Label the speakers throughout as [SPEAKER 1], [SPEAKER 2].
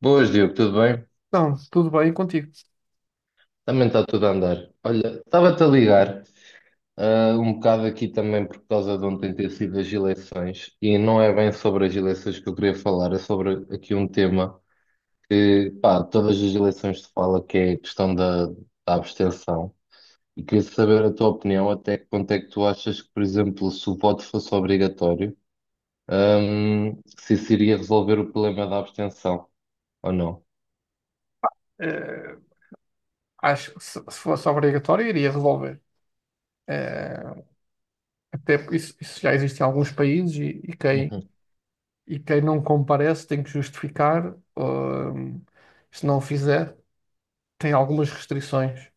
[SPEAKER 1] Boas, Diogo, tudo bem?
[SPEAKER 2] Não, tudo bem contigo.
[SPEAKER 1] Também está tudo a andar. Olha, estava-te a ligar, um bocado aqui também por causa de ontem ter sido as eleições, e não é bem sobre as eleições que eu queria falar, é sobre aqui um tema que, pá, todas as eleições se fala que é a questão da abstenção, e queria saber a tua opinião, até que ponto é que tu achas que, por exemplo, se o voto fosse obrigatório, se isso iria resolver o problema da abstenção, ou não?
[SPEAKER 2] Eh, Acho que se fosse obrigatório, iria resolver. Eh, Até porque isso já existe em alguns países e, e quem,
[SPEAKER 1] Uhum,
[SPEAKER 2] e quem não comparece tem que justificar, se não o fizer, tem algumas restrições,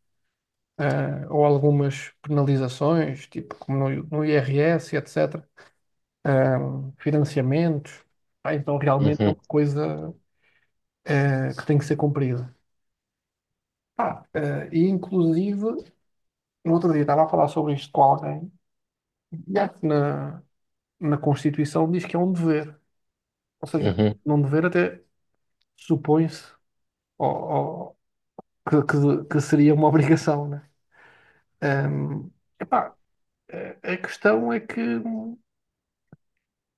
[SPEAKER 2] ou algumas penalizações, tipo como no IRS, etc. Financiamentos. Ah, então realmente é uma
[SPEAKER 1] uhum,
[SPEAKER 2] coisa, que tem que ser cumprida. E inclusive no outro dia estava a falar sobre isto com alguém e acho que na Constituição diz que é um dever. Ou seja,
[SPEAKER 1] uhum,
[SPEAKER 2] num dever até supõe-se ou- ou que, que seria uma obrigação, né? Ahm, Epá, a questão é que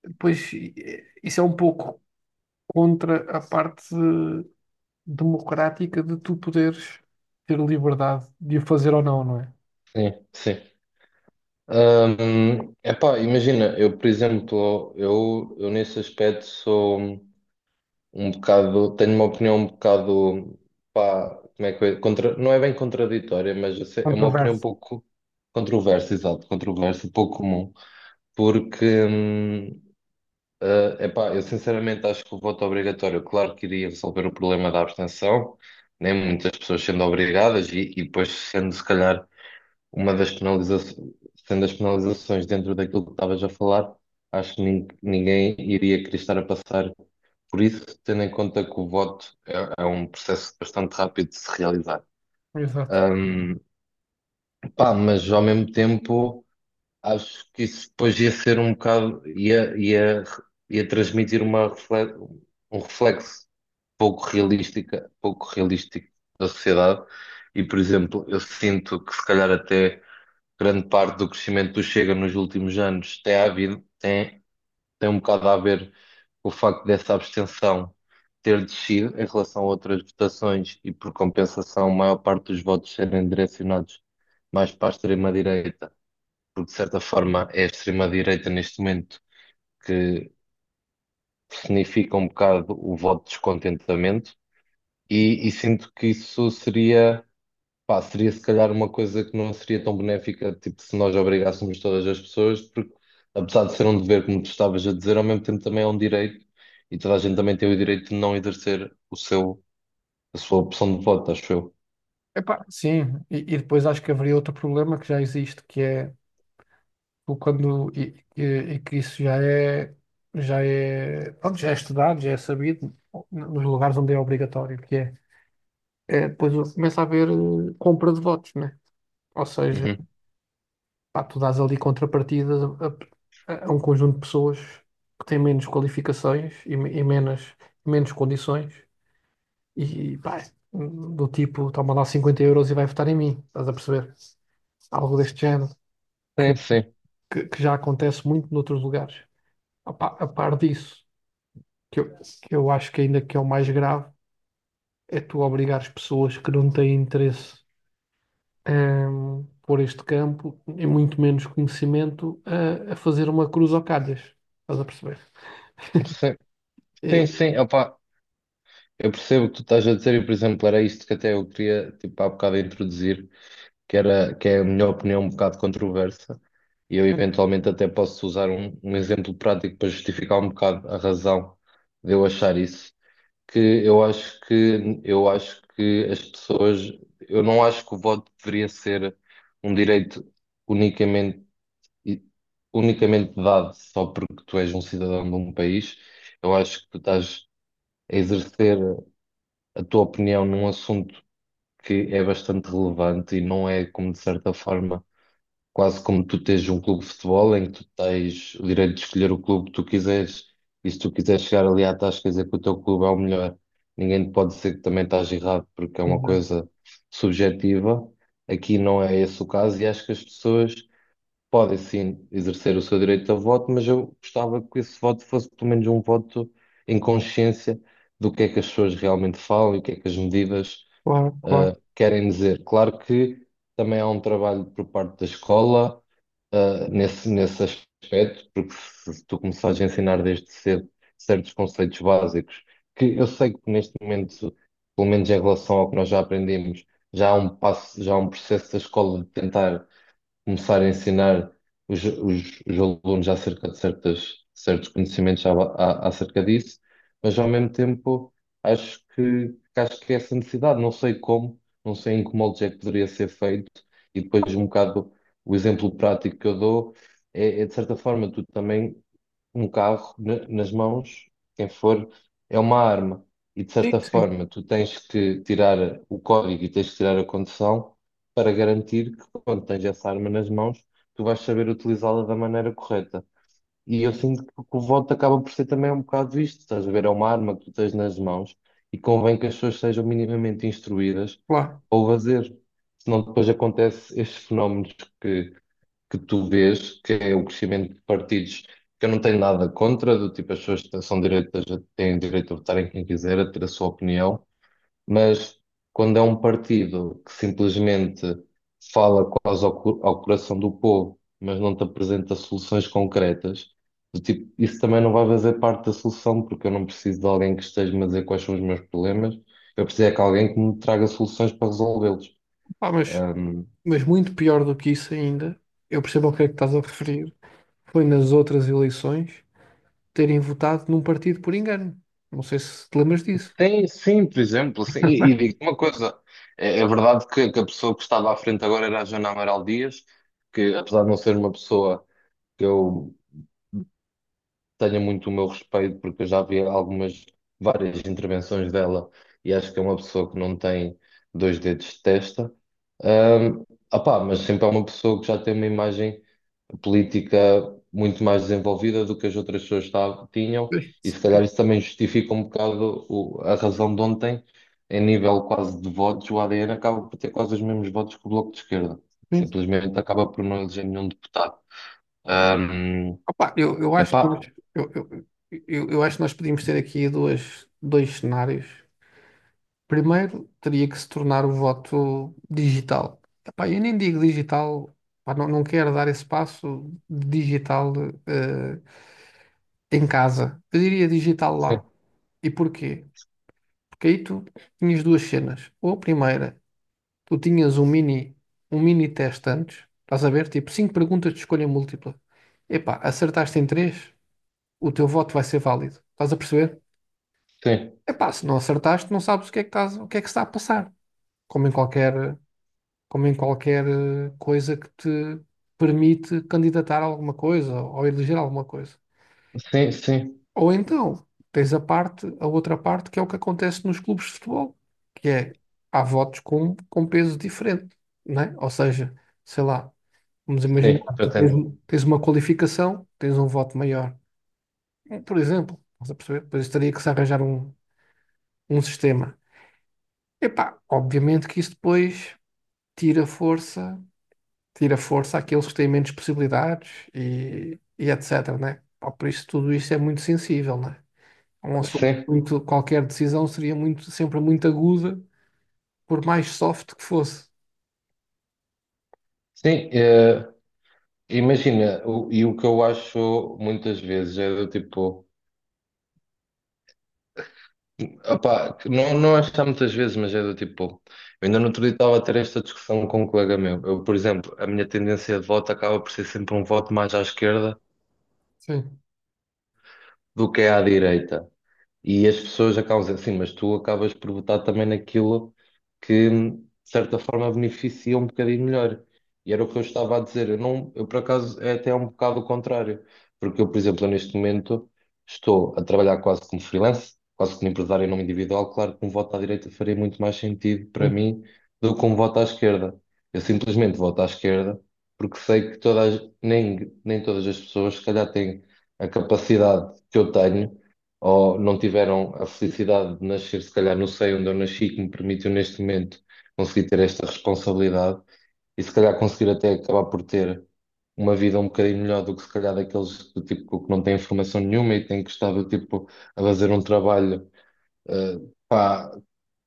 [SPEAKER 2] depois isso é um pouco contra a parte democrática de tu poderes ter liberdade de o fazer ou não, não é?
[SPEAKER 1] sim, sim. Epá, imagina, eu, por exemplo, eu nesse aspecto sou um bocado, tenho uma opinião um bocado, pá, como é que é? Contra, não é bem contraditória, mas é uma opinião um
[SPEAKER 2] Controverso.
[SPEAKER 1] pouco controversa, exato, controversa, pouco comum, porque, epá, eu sinceramente acho que o voto obrigatório, claro que iria resolver o problema da abstenção, nem muitas pessoas sendo obrigadas e depois sendo, se calhar, uma das penalizações, sendo as penalizações dentro daquilo que estavas a falar, acho que ninguém iria querer estar a passar por isso, tendo em conta que o voto é um processo bastante rápido de se realizar.
[SPEAKER 2] Exato.
[SPEAKER 1] Ahm, Pá, mas ao mesmo tempo acho que isso depois ia ser um bocado, ia transmitir um reflexo pouco realística, pouco realístico da sociedade. E, por exemplo, eu sinto que se calhar até grande parte do crescimento do Chega nos últimos anos tem um bocado a ver com o facto dessa abstenção ter descido em relação a outras votações e, por compensação, a maior parte dos votos serem direcionados mais para a extrema-direita, porque, de certa forma, é a extrema-direita neste momento que significa um bocado o voto de descontentamento. E sinto que isso seria pá, seria se calhar uma coisa que não seria tão benéfica, tipo, se nós obrigássemos todas as pessoas, porque apesar de ser um dever, como tu estavas a dizer, ao mesmo tempo também é um direito e toda a gente também tem o direito de não exercer a sua opção de voto, acho eu.
[SPEAKER 2] Epá, sim, e depois acho que haveria outro problema que já existe, que é o quando e que isso já é pronto, já é estudado, já é sabido nos lugares onde é obrigatório, que é, é depois começa a haver compra de votos, né? Ou seja,
[SPEAKER 1] Uhum.
[SPEAKER 2] pá, tu dás ali contrapartidas a um conjunto de pessoas que têm menos qualificações e menos condições e pá, do tipo, toma lá 50€ e vai votar em mim, estás a perceber? Algo deste género. que,
[SPEAKER 1] Sim, sim,
[SPEAKER 2] que já acontece muito noutros lugares. A par disso, que eu acho que ainda que é o mais grave, é tu obrigares pessoas que não têm interesse em, por este campo, e muito menos conhecimento, a fazer uma cruz ao calhas. Estás a perceber?
[SPEAKER 1] sim, sim,
[SPEAKER 2] É.
[SPEAKER 1] sim, opá, eu percebo o que tu estás a dizer e, por exemplo, era isto que até eu queria, tipo, há bocado introduzir. Que é a minha opinião um bocado controversa, e eu eventualmente até posso usar um exemplo prático para justificar um bocado a razão de eu achar isso, que eu acho que as pessoas, eu não acho que o voto deveria ser um direito unicamente e- unicamente dado só porque tu és um cidadão de um país. Eu acho que tu estás a exercer a tua opinião num assunto que é bastante relevante e não é como de certa forma quase como tu tens um clube de futebol em que tu tens o direito de escolher o clube que tu quiseres. E se tu quiseres chegar ali à tasca e dizer que o teu clube é o melhor, ninguém te pode dizer que também estás errado, porque é uma
[SPEAKER 2] Exato.
[SPEAKER 1] coisa subjetiva. Aqui não é esse o caso e acho que as pessoas podem sim exercer o seu direito a voto, mas eu gostava que esse voto fosse pelo menos um voto em consciência do que é que as pessoas realmente falam e o que é que as medidas
[SPEAKER 2] Claro, claro.
[SPEAKER 1] querem dizer. Claro que também há um trabalho por parte da escola, nesse aspecto, porque se tu começares a ensinar desde cedo certos conceitos básicos, que eu sei que neste momento, pelo menos em relação ao que nós já aprendemos, já há um processo da escola de tentar começar a ensinar os alunos acerca de certos conhecimentos acerca disso, mas ao mesmo tempo acho que é essa necessidade, não sei como, não sei em que molde é que poderia ser feito, e depois um bocado o exemplo prático que eu dou é, é de certa forma tu também um carro nas mãos, quem for, é uma arma. E de
[SPEAKER 2] Sim,
[SPEAKER 1] certa
[SPEAKER 2] sim,
[SPEAKER 1] forma, tu tens que tirar o código e tens que tirar a condução para garantir que quando tens essa arma nas mãos, tu vais saber utilizá-la da maneira correta. E eu sinto que o voto acaba por ser também um bocado isto, estás a ver? É uma arma que tu tens nas mãos e convém que as pessoas sejam minimamente instruídas
[SPEAKER 2] claro.
[SPEAKER 1] ao fazer. Senão depois acontece estes fenómenos que tu vês, que é o crescimento de partidos, que eu não tenho nada contra, do tipo as pessoas que são direitas têm direito a votarem quem quiser, a ter a sua opinião, mas quando é um partido que simplesmente fala quase ao coração do povo, mas não te apresenta soluções concretas, do tipo, isso também não vai fazer parte da solução, porque eu não preciso de alguém que esteja-me a dizer quais são os meus problemas, eu preciso é que alguém que me traga soluções para resolvê-los.
[SPEAKER 2] Pá, mas muito pior do que isso ainda, eu percebo ao que é que estás a referir, foi nas outras eleições terem votado num partido por engano. Não sei se te lembras disso.
[SPEAKER 1] Tem, sim, por exemplo, sim. E digo-te uma coisa, é verdade que a pessoa que estava à frente agora era a Joana Amaral Dias, que apesar de não ser uma pessoa que eu tenha muito o meu respeito, porque eu já vi várias intervenções dela e acho que é uma pessoa que não tem dois dedos de testa, ah opá, mas sempre é uma pessoa que já tem uma imagem política muito mais desenvolvida do que as outras pessoas tinham,
[SPEAKER 2] Sim.
[SPEAKER 1] e se calhar isso também justifica um bocado a razão de ontem, em nível quase de votos, o ADN acaba por ter quase os mesmos votos que o Bloco de Esquerda.
[SPEAKER 2] Sim.
[SPEAKER 1] Simplesmente acaba por não eleger nenhum deputado. Ahm,
[SPEAKER 2] Opa, eu acho que
[SPEAKER 1] Epá,
[SPEAKER 2] nós, eu acho que nós podíamos ter aqui dois cenários. Primeiro, teria que se tornar o voto digital. Epá, eu nem digo digital, pá, não, não quero dar esse passo de digital eh, em casa. Eu diria digital
[SPEAKER 1] sim,
[SPEAKER 2] lá. E porquê? Porque aí tu tinhas duas cenas. Ou a primeira, tu tinhas um mini teste antes, estás a ver? Tipo, cinco perguntas de escolha múltipla. Epá, acertaste em três? O teu voto vai ser válido. Estás a perceber?
[SPEAKER 1] sim,
[SPEAKER 2] Epá, se não acertaste, não sabes o que é que estás, o que é que está a passar. Como em qualquer, Como em qualquer coisa que te permite candidatar a alguma coisa ou eleger alguma coisa.
[SPEAKER 1] sim, sim,
[SPEAKER 2] Ou então, tens a outra parte, que é o que acontece nos clubes de futebol, que é, há votos com peso diferente, não é? Ou seja, sei lá, vamos imaginar,
[SPEAKER 1] sim, pretendo.
[SPEAKER 2] tens uma qualificação, tens um voto maior. Por exemplo, estás a perceber? Depois teria que se arranjar um sistema. Epá, obviamente que isso depois tira força, tira força àqueles que têm menos possibilidades e etc, né? Pá, por isso tudo isto é muito sensível, né? É um assunto
[SPEAKER 1] Sim,
[SPEAKER 2] muito, qualquer decisão seria muito, sempre muito aguda, por mais soft que fosse.
[SPEAKER 1] sim, imagina, e o que eu acho muitas vezes é do tipo. Opá, não, não acho que há muitas vezes, mas é do tipo, pô, eu ainda no outro dia estava a ter esta discussão com um colega meu. Eu, por exemplo, a minha tendência de voto acaba por ser sempre um voto mais à esquerda
[SPEAKER 2] Sim,
[SPEAKER 1] do que é à direita. E as pessoas acabam dizendo assim, mas tu acabas por votar também naquilo que, de certa forma, beneficia um bocadinho melhor. E era o que eu estava a dizer. Eu, não, eu por acaso, é até um bocado o contrário. Porque eu, por exemplo, neste momento, estou a trabalhar quase como freelance, quase como empresário em nome individual. Claro que um voto à direita faria muito mais sentido para
[SPEAKER 2] sim,
[SPEAKER 1] mim do que um voto à esquerda. Eu simplesmente voto à esquerda porque sei que todas, nem todas as pessoas, se calhar, têm a capacidade que eu tenho ou não tiveram a felicidade de nascer, se calhar, não sei onde eu nasci, que me permitiu neste momento conseguir ter esta responsabilidade e se calhar conseguir até acabar por ter uma vida um bocadinho melhor do que se calhar daqueles do tipo que não têm formação nenhuma e têm que estar do tipo a fazer um trabalho eh, pá,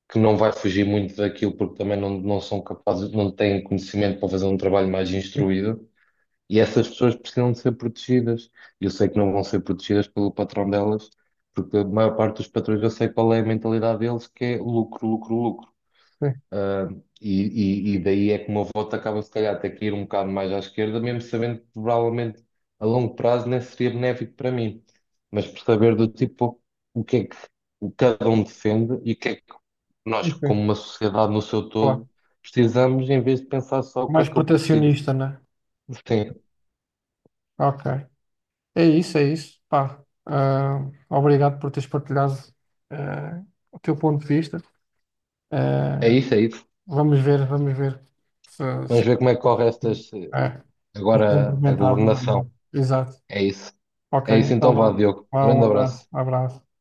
[SPEAKER 1] que não vai fugir muito daquilo porque também não, não são capazes, não têm conhecimento para fazer um trabalho mais instruído. E essas pessoas precisam de ser protegidas. E eu sei que não vão ser protegidas pelo patrão delas, porque a maior parte dos patrões eu sei qual é a mentalidade deles, que é lucro, lucro, lucro.
[SPEAKER 2] sim,
[SPEAKER 1] Ah, e, e daí é que o meu voto acaba, se calhar, até que ir um bocado mais à esquerda, mesmo sabendo que provavelmente a longo prazo nem seria benéfico para mim. Mas por saber do tipo o que é que o cada um defende e o que é que
[SPEAKER 2] sim,
[SPEAKER 1] nós, como
[SPEAKER 2] sim,
[SPEAKER 1] uma sociedade no seu
[SPEAKER 2] claro.
[SPEAKER 1] todo, precisamos, em vez de pensar só o que é
[SPEAKER 2] Mais
[SPEAKER 1] que eu preciso.
[SPEAKER 2] protecionista, né?
[SPEAKER 1] Sim,
[SPEAKER 2] Ok. É isso, é isso. Pá, ah, obrigado por teres partilhado ah, o teu ponto de vista.
[SPEAKER 1] é
[SPEAKER 2] Ah,
[SPEAKER 1] isso, é isso.
[SPEAKER 2] Vamos ver se,
[SPEAKER 1] Vamos
[SPEAKER 2] se...
[SPEAKER 1] ver como é que corre estas,
[SPEAKER 2] é, vou
[SPEAKER 1] agora
[SPEAKER 2] ser
[SPEAKER 1] a
[SPEAKER 2] implementado ou
[SPEAKER 1] governação.
[SPEAKER 2] não. Exato.
[SPEAKER 1] É isso.
[SPEAKER 2] Ok,
[SPEAKER 1] É isso
[SPEAKER 2] então
[SPEAKER 1] então, vá,
[SPEAKER 2] vá.
[SPEAKER 1] Diogo.
[SPEAKER 2] Vá, um
[SPEAKER 1] Grande
[SPEAKER 2] abraço,
[SPEAKER 1] abraço.
[SPEAKER 2] um abraço.